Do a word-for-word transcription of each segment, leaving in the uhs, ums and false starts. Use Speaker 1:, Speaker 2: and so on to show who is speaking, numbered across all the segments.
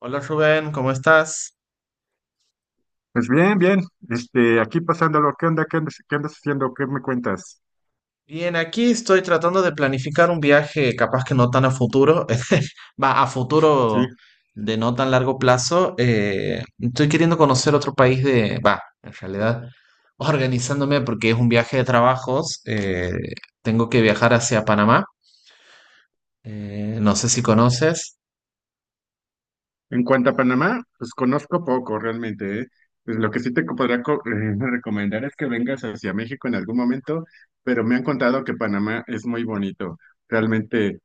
Speaker 1: Hola Rubén, ¿cómo estás?
Speaker 2: Pues bien, bien, este, aquí pasándolo. ¿Qué onda? ¿Qué andas, qué andas haciendo? ¿Qué me cuentas?
Speaker 1: Bien, aquí estoy tratando de planificar un viaje, capaz que no tan a futuro, va a
Speaker 2: Sí,
Speaker 1: futuro de no tan largo plazo. Eh, estoy queriendo conocer otro país de, va, en realidad, organizándome porque es un viaje de trabajos. Eh, tengo que viajar hacia Panamá. Eh, no sé si conoces.
Speaker 2: en cuanto a Panamá, pues conozco poco realmente, ¿eh? Pues lo que sí te co- podría co- eh, recomendar es que vengas hacia México en algún momento, pero me han contado que Panamá es muy bonito, realmente.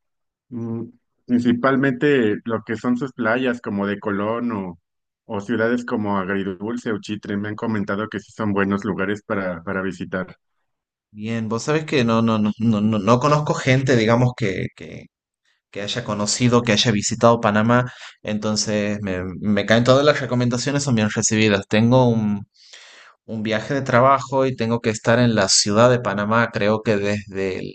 Speaker 2: mm, Principalmente lo que son sus playas como de Colón o, o ciudades como Agridulce o Chitre, me han comentado que sí son buenos lugares para, para visitar.
Speaker 1: Bien, vos sabés que no, no, no, no, no no conozco gente, digamos, que, que, que haya conocido, que haya visitado Panamá. Entonces, me, me caen todas las recomendaciones, son bien recibidas. Tengo un, un viaje de trabajo y tengo que estar en la ciudad de Panamá, creo que desde el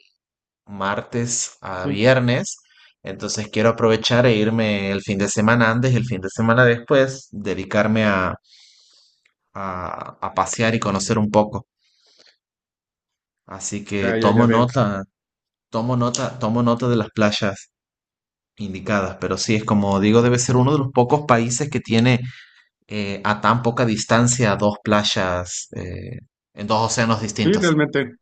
Speaker 1: martes a
Speaker 2: Sí,
Speaker 1: viernes. Entonces, quiero aprovechar e irme el fin de semana antes y el fin de semana después, dedicarme a, a, a pasear y conocer un poco. Así que
Speaker 2: ya, ya, ya
Speaker 1: tomo
Speaker 2: veo.
Speaker 1: nota, tomo nota, tomo nota de las playas indicadas, pero sí es como digo, debe ser uno de los pocos países que tiene eh, a tan poca distancia dos playas eh, en dos océanos
Speaker 2: Sí,
Speaker 1: distintos.
Speaker 2: realmente.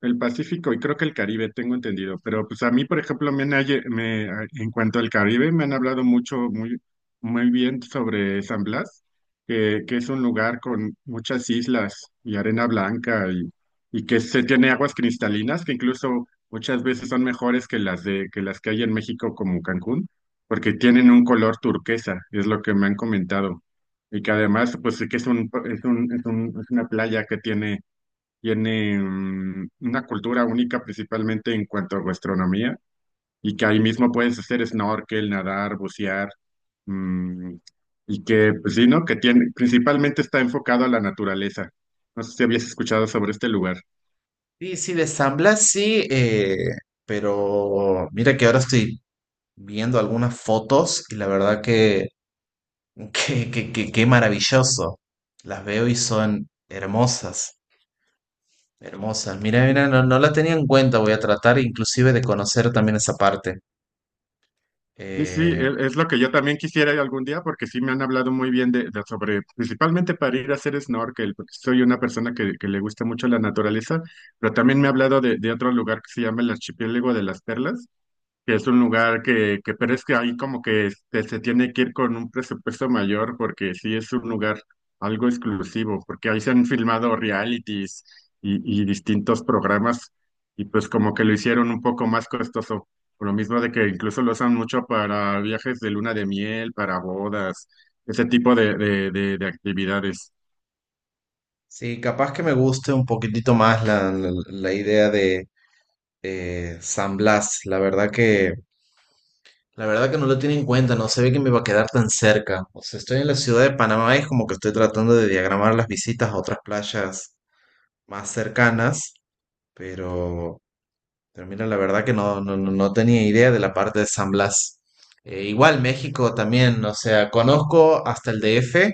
Speaker 2: El Pacífico y creo que el Caribe, tengo entendido. Pero pues a mí, por ejemplo, me han, halle- me, en cuanto al Caribe, me han hablado mucho, muy, muy bien sobre San Blas, que, que es un lugar con muchas islas y arena blanca, y, y que se tiene aguas cristalinas que incluso muchas veces son mejores que las de, que las que hay en México como Cancún, porque tienen un color turquesa, es lo que me han comentado. Y que además, pues sí que es un, es un, es un- es una playa que tiene tiene mm, una cultura única principalmente en cuanto a gastronomía, y que ahí mismo puedes hacer snorkel, nadar, bucear, mm, y que, pues sí, ¿no? Que tiene, principalmente está enfocado a la naturaleza. No sé si habías escuchado sobre este lugar.
Speaker 1: Sí, sí, de San Blas sí, eh, pero mira que ahora estoy viendo algunas fotos y la verdad que, que, que, que- que maravilloso. Las veo y son hermosas, hermosas. Mira, mira, no, no la tenía en cuenta, voy a tratar inclusive de conocer también esa parte.
Speaker 2: Sí, sí,
Speaker 1: Eh,
Speaker 2: e- es lo que yo también quisiera ir algún día porque sí me han hablado muy bien de, de- sobre, principalmente para ir a hacer snorkel, porque soy una persona que, que le gusta mucho la naturaleza, pero también me ha hablado de, de otro lugar que se llama el Archipiélago de las Perlas, que es un lugar que, que pero es que ahí como que este, se tiene que ir con un presupuesto mayor porque sí es un lugar algo exclusivo, porque ahí se han filmado realities y, y distintos programas, y pues como que lo hicieron un poco más costoso, por lo mismo de que incluso lo usan mucho para viajes de luna de miel, para bodas, ese tipo de, de, de, de actividades.
Speaker 1: Sí, capaz que me guste un poquitito más la, la- la idea de eh, San Blas. La verdad que, la verdad que no lo tiene en cuenta, no se ve que me va a quedar tan cerca. O sea, estoy en la ciudad de Panamá y es como que estoy tratando de diagramar las visitas a otras playas más cercanas, pero pero mira, la verdad que no, no, no no tenía idea de la parte de San Blas. Eh, igual México también, o sea, conozco hasta el D F,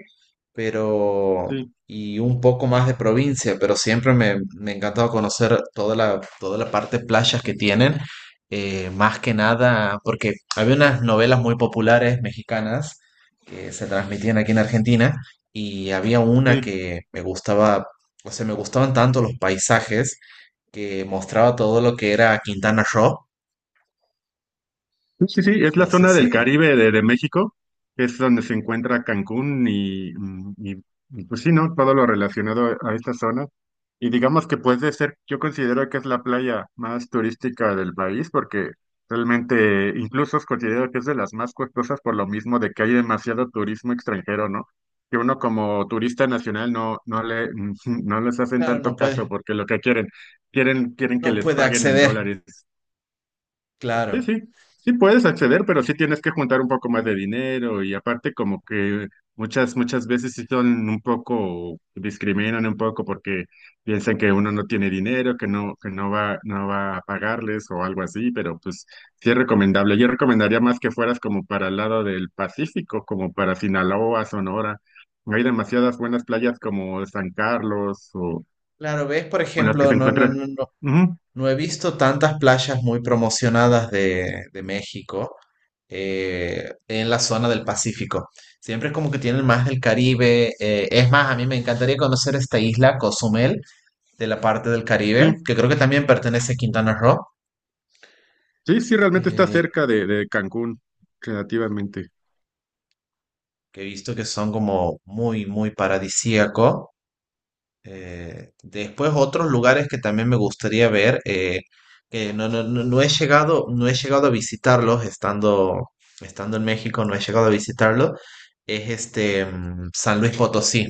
Speaker 1: pero
Speaker 2: Sí,
Speaker 1: y un poco más de provincia, pero siempre me, me ha encantado conocer toda la, toda la parte de playas que tienen, eh, más que nada, porque había unas novelas muy populares mexicanas que se transmitían aquí en Argentina, y había una
Speaker 2: sí.
Speaker 1: que me gustaba, o sea, me gustaban tanto los paisajes que mostraba todo lo que era Quintana Roo.
Speaker 2: Sí, sí, sí, es la
Speaker 1: No sé
Speaker 2: zona
Speaker 1: si,
Speaker 2: del Caribe de, de México, que es donde se encuentra Cancún, y, mm, y, y, pues sí, ¿no? Todo lo relacionado a esta zona. Y digamos que puede ser, yo considero que es la playa más turística del país, porque realmente incluso considero que es de las más costosas por lo mismo de que hay demasiado turismo extranjero, ¿no? Que uno como turista nacional no, no le, no les hacen
Speaker 1: claro,
Speaker 2: tanto
Speaker 1: no
Speaker 2: caso,
Speaker 1: puede,
Speaker 2: porque lo que quieren, quieren, quieren que
Speaker 1: no
Speaker 2: les
Speaker 1: puede
Speaker 2: paguen en
Speaker 1: acceder.
Speaker 2: dólares.
Speaker 1: Claro,
Speaker 2: Sí, sí, sí puedes acceder, pero sí tienes que juntar un poco más de dinero, y aparte como que muchas, muchas veces sí son un poco, discriminan un poco porque piensan que uno no tiene dinero, que no, que no va, no va a pagarles o algo así, pero pues sí es recomendable. Yo recomendaría más que fueras como para el lado del Pacífico, como para Sinaloa, Sonora. Hay demasiadas buenas playas como San Carlos o
Speaker 1: claro, ves, por
Speaker 2: o las que
Speaker 1: ejemplo,
Speaker 2: se
Speaker 1: no, no,
Speaker 2: encuentran.
Speaker 1: no, no,
Speaker 2: Ujú,
Speaker 1: no he visto tantas playas muy promocionadas de, de México eh, en la zona del Pacífico. Siempre es como que tienen más del Caribe. Eh, es más, a mí me encantaría conocer esta isla, Cozumel, de la parte del Caribe,
Speaker 2: sí.
Speaker 1: que creo que también pertenece a Quintana Roo,
Speaker 2: Sí, sí, realmente está
Speaker 1: eh,
Speaker 2: cerca de, de Cancún, relativamente.
Speaker 1: que he visto que son como muy, muy paradisíaco. Eh, después otros lugares que también me gustaría ver, eh, que no, no, no, no he llegado, no he llegado a visitarlos estando, estando en México, no he llegado a visitarlos, es este mm, San Luis Potosí.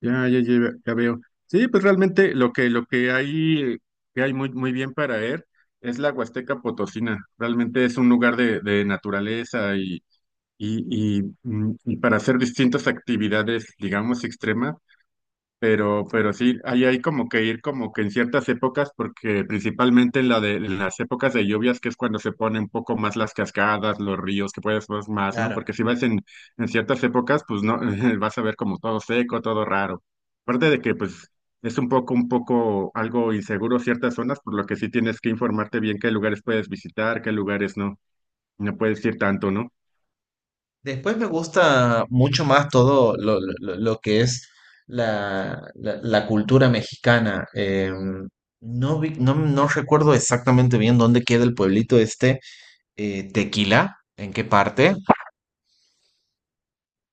Speaker 2: Ya, ya, ya, ya veo. Sí, pues realmente lo que, lo que hay, que hay muy, muy bien para ver es la Huasteca Potosina. Realmente es un lugar de, de naturaleza y, y, y, mm, y para hacer distintas actividades, digamos, extremas. Pero, pero sí, ahí hay como que ir como que en ciertas épocas, porque principalmente en la de en las épocas de lluvias, que es cuando se ponen un poco más las cascadas, los ríos, que puedes ver más, ¿no?
Speaker 1: Claro.
Speaker 2: Porque si vas en, en ciertas épocas, pues no, vas a ver como todo seco, todo raro. Aparte de que, pues, es un poco, un poco algo inseguro ciertas zonas, por lo que sí tienes que informarte bien qué lugares puedes visitar, qué lugares no, no puedes ir tanto, ¿no?
Speaker 1: Después me gusta mucho más todo lo, lo- lo- lo que es la, la- la cultura mexicana. Em, no vi- no, no recuerdo exactamente bien dónde queda el pueblito este, eh, Tequila, ¿en qué parte?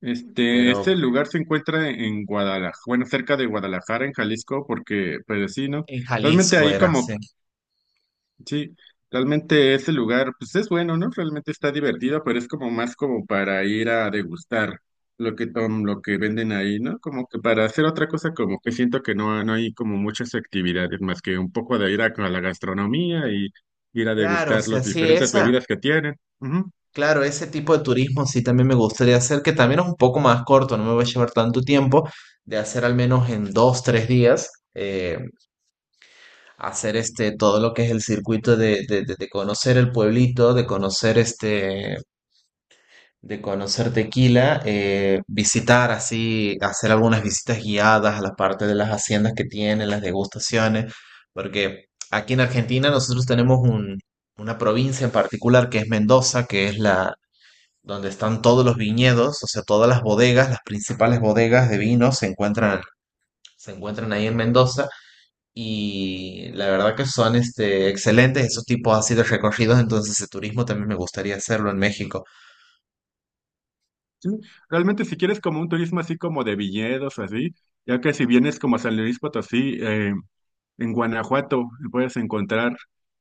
Speaker 2: Este,
Speaker 1: Pero
Speaker 2: este lugar se encuentra en Guadalajara, bueno, cerca de Guadalajara, en Jalisco, porque, pues sí, ¿no?
Speaker 1: en
Speaker 2: Realmente
Speaker 1: Jalisco
Speaker 2: ahí
Speaker 1: era,
Speaker 2: como,
Speaker 1: sí.
Speaker 2: sí, realmente ese lugar, pues es bueno, ¿no? Realmente está divertido, pero es como más como para ir a degustar lo que tom, lo que venden ahí, ¿no? Como que para hacer otra cosa, como que siento que no, no hay como muchas actividades, más que un poco de ir a, a la gastronomía, y ir a
Speaker 1: Claro, o
Speaker 2: degustar
Speaker 1: sea,
Speaker 2: las
Speaker 1: sí,
Speaker 2: diferentes
Speaker 1: esa,
Speaker 2: bebidas que tienen. Ujú.
Speaker 1: claro, ese tipo de turismo sí también me gustaría hacer, que también es un poco más corto, no me va a llevar tanto tiempo, de hacer al menos en dos, tres días, eh, hacer este, todo lo que es el circuito de, de, de- de conocer el pueblito, de conocer este, de conocer Tequila, eh, visitar así, hacer algunas visitas guiadas a la parte de las haciendas que tienen, las degustaciones, porque aquí en Argentina nosotros tenemos un- una provincia en particular que es Mendoza, que es la donde están todos los viñedos, o sea, todas las bodegas, las principales bodegas de vino se encuentran, se encuentran ahí en Mendoza y la verdad que son este, excelentes esos tipos así de recorridos, entonces el turismo también me gustaría hacerlo en México.
Speaker 2: Sí, realmente si quieres como un turismo así como de viñedos o así, ya que si vienes como a San Luis Potosí, eh, en Guanajuato puedes encontrar,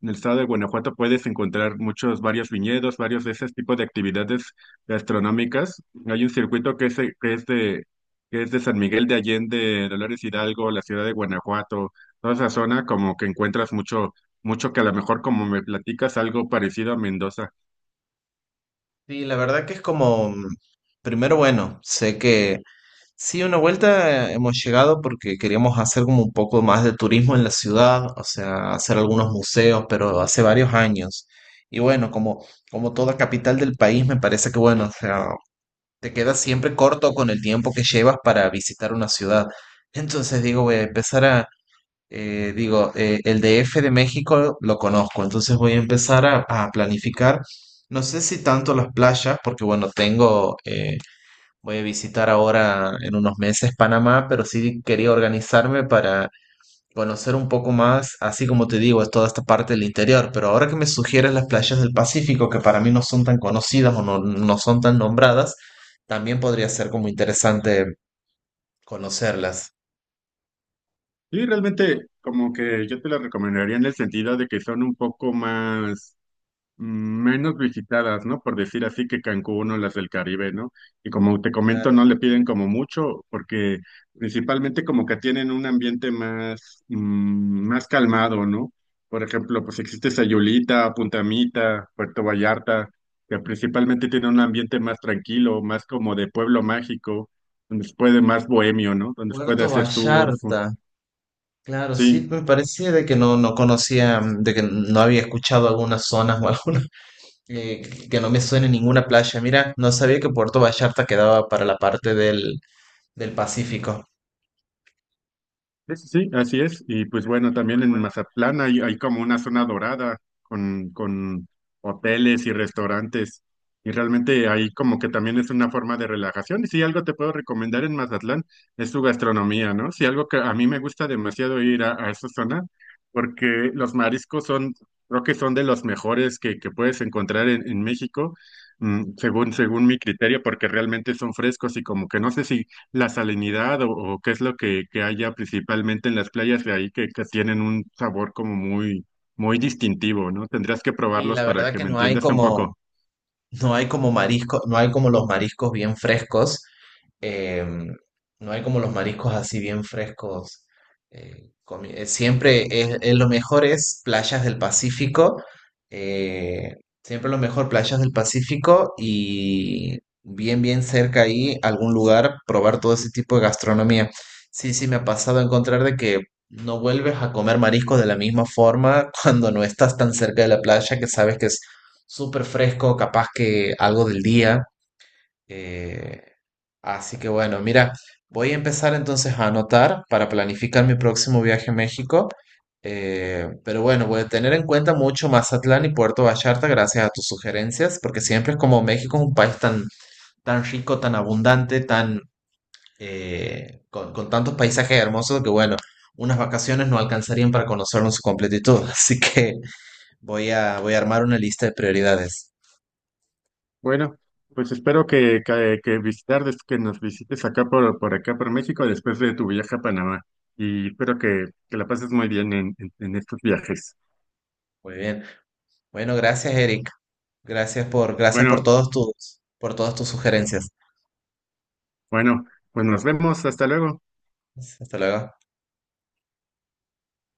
Speaker 2: en el estado de Guanajuato puedes encontrar muchos, varios viñedos, varios de ese tipo de actividades gastronómicas. Hay un circuito que es, de- que es de, que es de San Miguel de Allende, Dolores Hidalgo, la ciudad de Guanajuato, toda esa zona como que encuentras mucho, mucho que a lo mejor como me platicas algo parecido a Mendoza.
Speaker 1: Sí, la verdad que es como, mm, primero bueno, sé que sí, una vuelta eh, hemos llegado porque queríamos hacer como un poco más de turismo en la ciudad, o sea, hacer algunos museos, pero hace varios años. Y bueno, como, como toda capital del país, me parece que bueno, o sea, te quedas siempre corto con el tiempo que llevas para visitar una ciudad. Entonces digo, voy a empezar a, eh, digo, eh, el D F de México lo conozco, entonces voy a empezar a, a planificar. No sé si tanto las playas, porque bueno, tengo, eh, voy a visitar ahora en unos meses Panamá, pero sí quería organizarme para conocer un poco más, así como te digo, es toda esta parte del interior, pero ahora que me sugieres las playas del Pacífico, que para mí no son tan conocidas o no, no son tan nombradas, también podría ser como interesante conocerlas.
Speaker 2: Sí, realmente como que yo te las recomendaría en el sentido de que son un poco más mm, menos visitadas, ¿no? Por decir así que Cancún o las del Caribe, ¿no? Y como te comento,
Speaker 1: Claro.
Speaker 2: no le piden como mucho porque principalmente como que tienen un ambiente más mm, más calmado, ¿no? Por ejemplo, pues existe Sayulita, Puntamita, Puerto Vallarta, que principalmente tiene un ambiente más tranquilo, más como de pueblo mágico, donde se puede más bohemio, ¿no? Donde se puede
Speaker 1: Puerto
Speaker 2: hacer surf.
Speaker 1: Vallarta. Claro, sí,
Speaker 2: Sí,
Speaker 1: pues, me parecía de que no, no conocía, mm, de que no había escuchado algunas zonas o algunas eh, que que no me suene ninguna playa. Mira, no sabía que Puerto Vallarta quedaba para la parte del, del Pacífico.
Speaker 2: sí, sí, sí, así es. Y pues bueno, también en Mazatlán hay, hay como una zona dorada con, con hoteles y restaurantes. Y realmente ahí como que también es una forma de relajación. Y si algo te puedo recomendar en Mazatlán es su gastronomía, ¿no? Si algo que a mí me gusta demasiado ir a, a esa zona, porque los mariscos son, creo que son de los mejores que, que puedes encontrar en, en México, mm, según, según mi criterio, porque realmente son frescos, y como que no sé si la salinidad o, o qué es lo que, que haya principalmente en las playas de ahí, que, que tienen un sabor como muy, muy distintivo, ¿no? Tendrías que
Speaker 1: Y
Speaker 2: probarlos
Speaker 1: la
Speaker 2: para
Speaker 1: verdad
Speaker 2: que
Speaker 1: que
Speaker 2: me
Speaker 1: no hay
Speaker 2: entiendas un
Speaker 1: como,
Speaker 2: poco.
Speaker 1: no hay como marisco, no hay como los mariscos bien frescos, em, no hay como los mariscos así bien frescos. eh, comi- eh, siempre es, es lo mejor es playas del Pacífico, eh, siempre lo mejor playas del Pacífico y bien bien cerca ahí algún lugar probar todo ese tipo de gastronomía. Sí, sí, me ha pasado a encontrar de que no vuelves a comer mariscos de la misma forma cuando no estás tan cerca de la playa que sabes que súper fresco, capaz que algo del día. eh, Así que bueno, mira, voy a empezar entonces a anotar para planificar mi próximo viaje a México. Eh, pero bueno, voy a tener en cuenta mucho Mazatlán y Puerto Vallarta gracias a tus sugerencias, porque siempre es como México es un país tan, tan rico, tan abundante, tan, eh, con, con tantos paisajes hermosos que bueno, unas vacaciones no alcanzarían para conocerlo en su completitud. Así que voy a, voy a armar una lista de prioridades.
Speaker 2: Bueno, pues espero que, que, que visitar, des- que nos visites acá por, por acá por México después de tu viaje a Panamá. Y espero que, que la pases muy bien en, en en estos viajes.
Speaker 1: Muy bien. Bueno, gracias, Eric. Gracias por, gracias por
Speaker 2: Bueno,
Speaker 1: todos tus, por todas tus sugerencias.
Speaker 2: bueno, pues nos vemos, hasta luego.
Speaker 1: Hasta luego.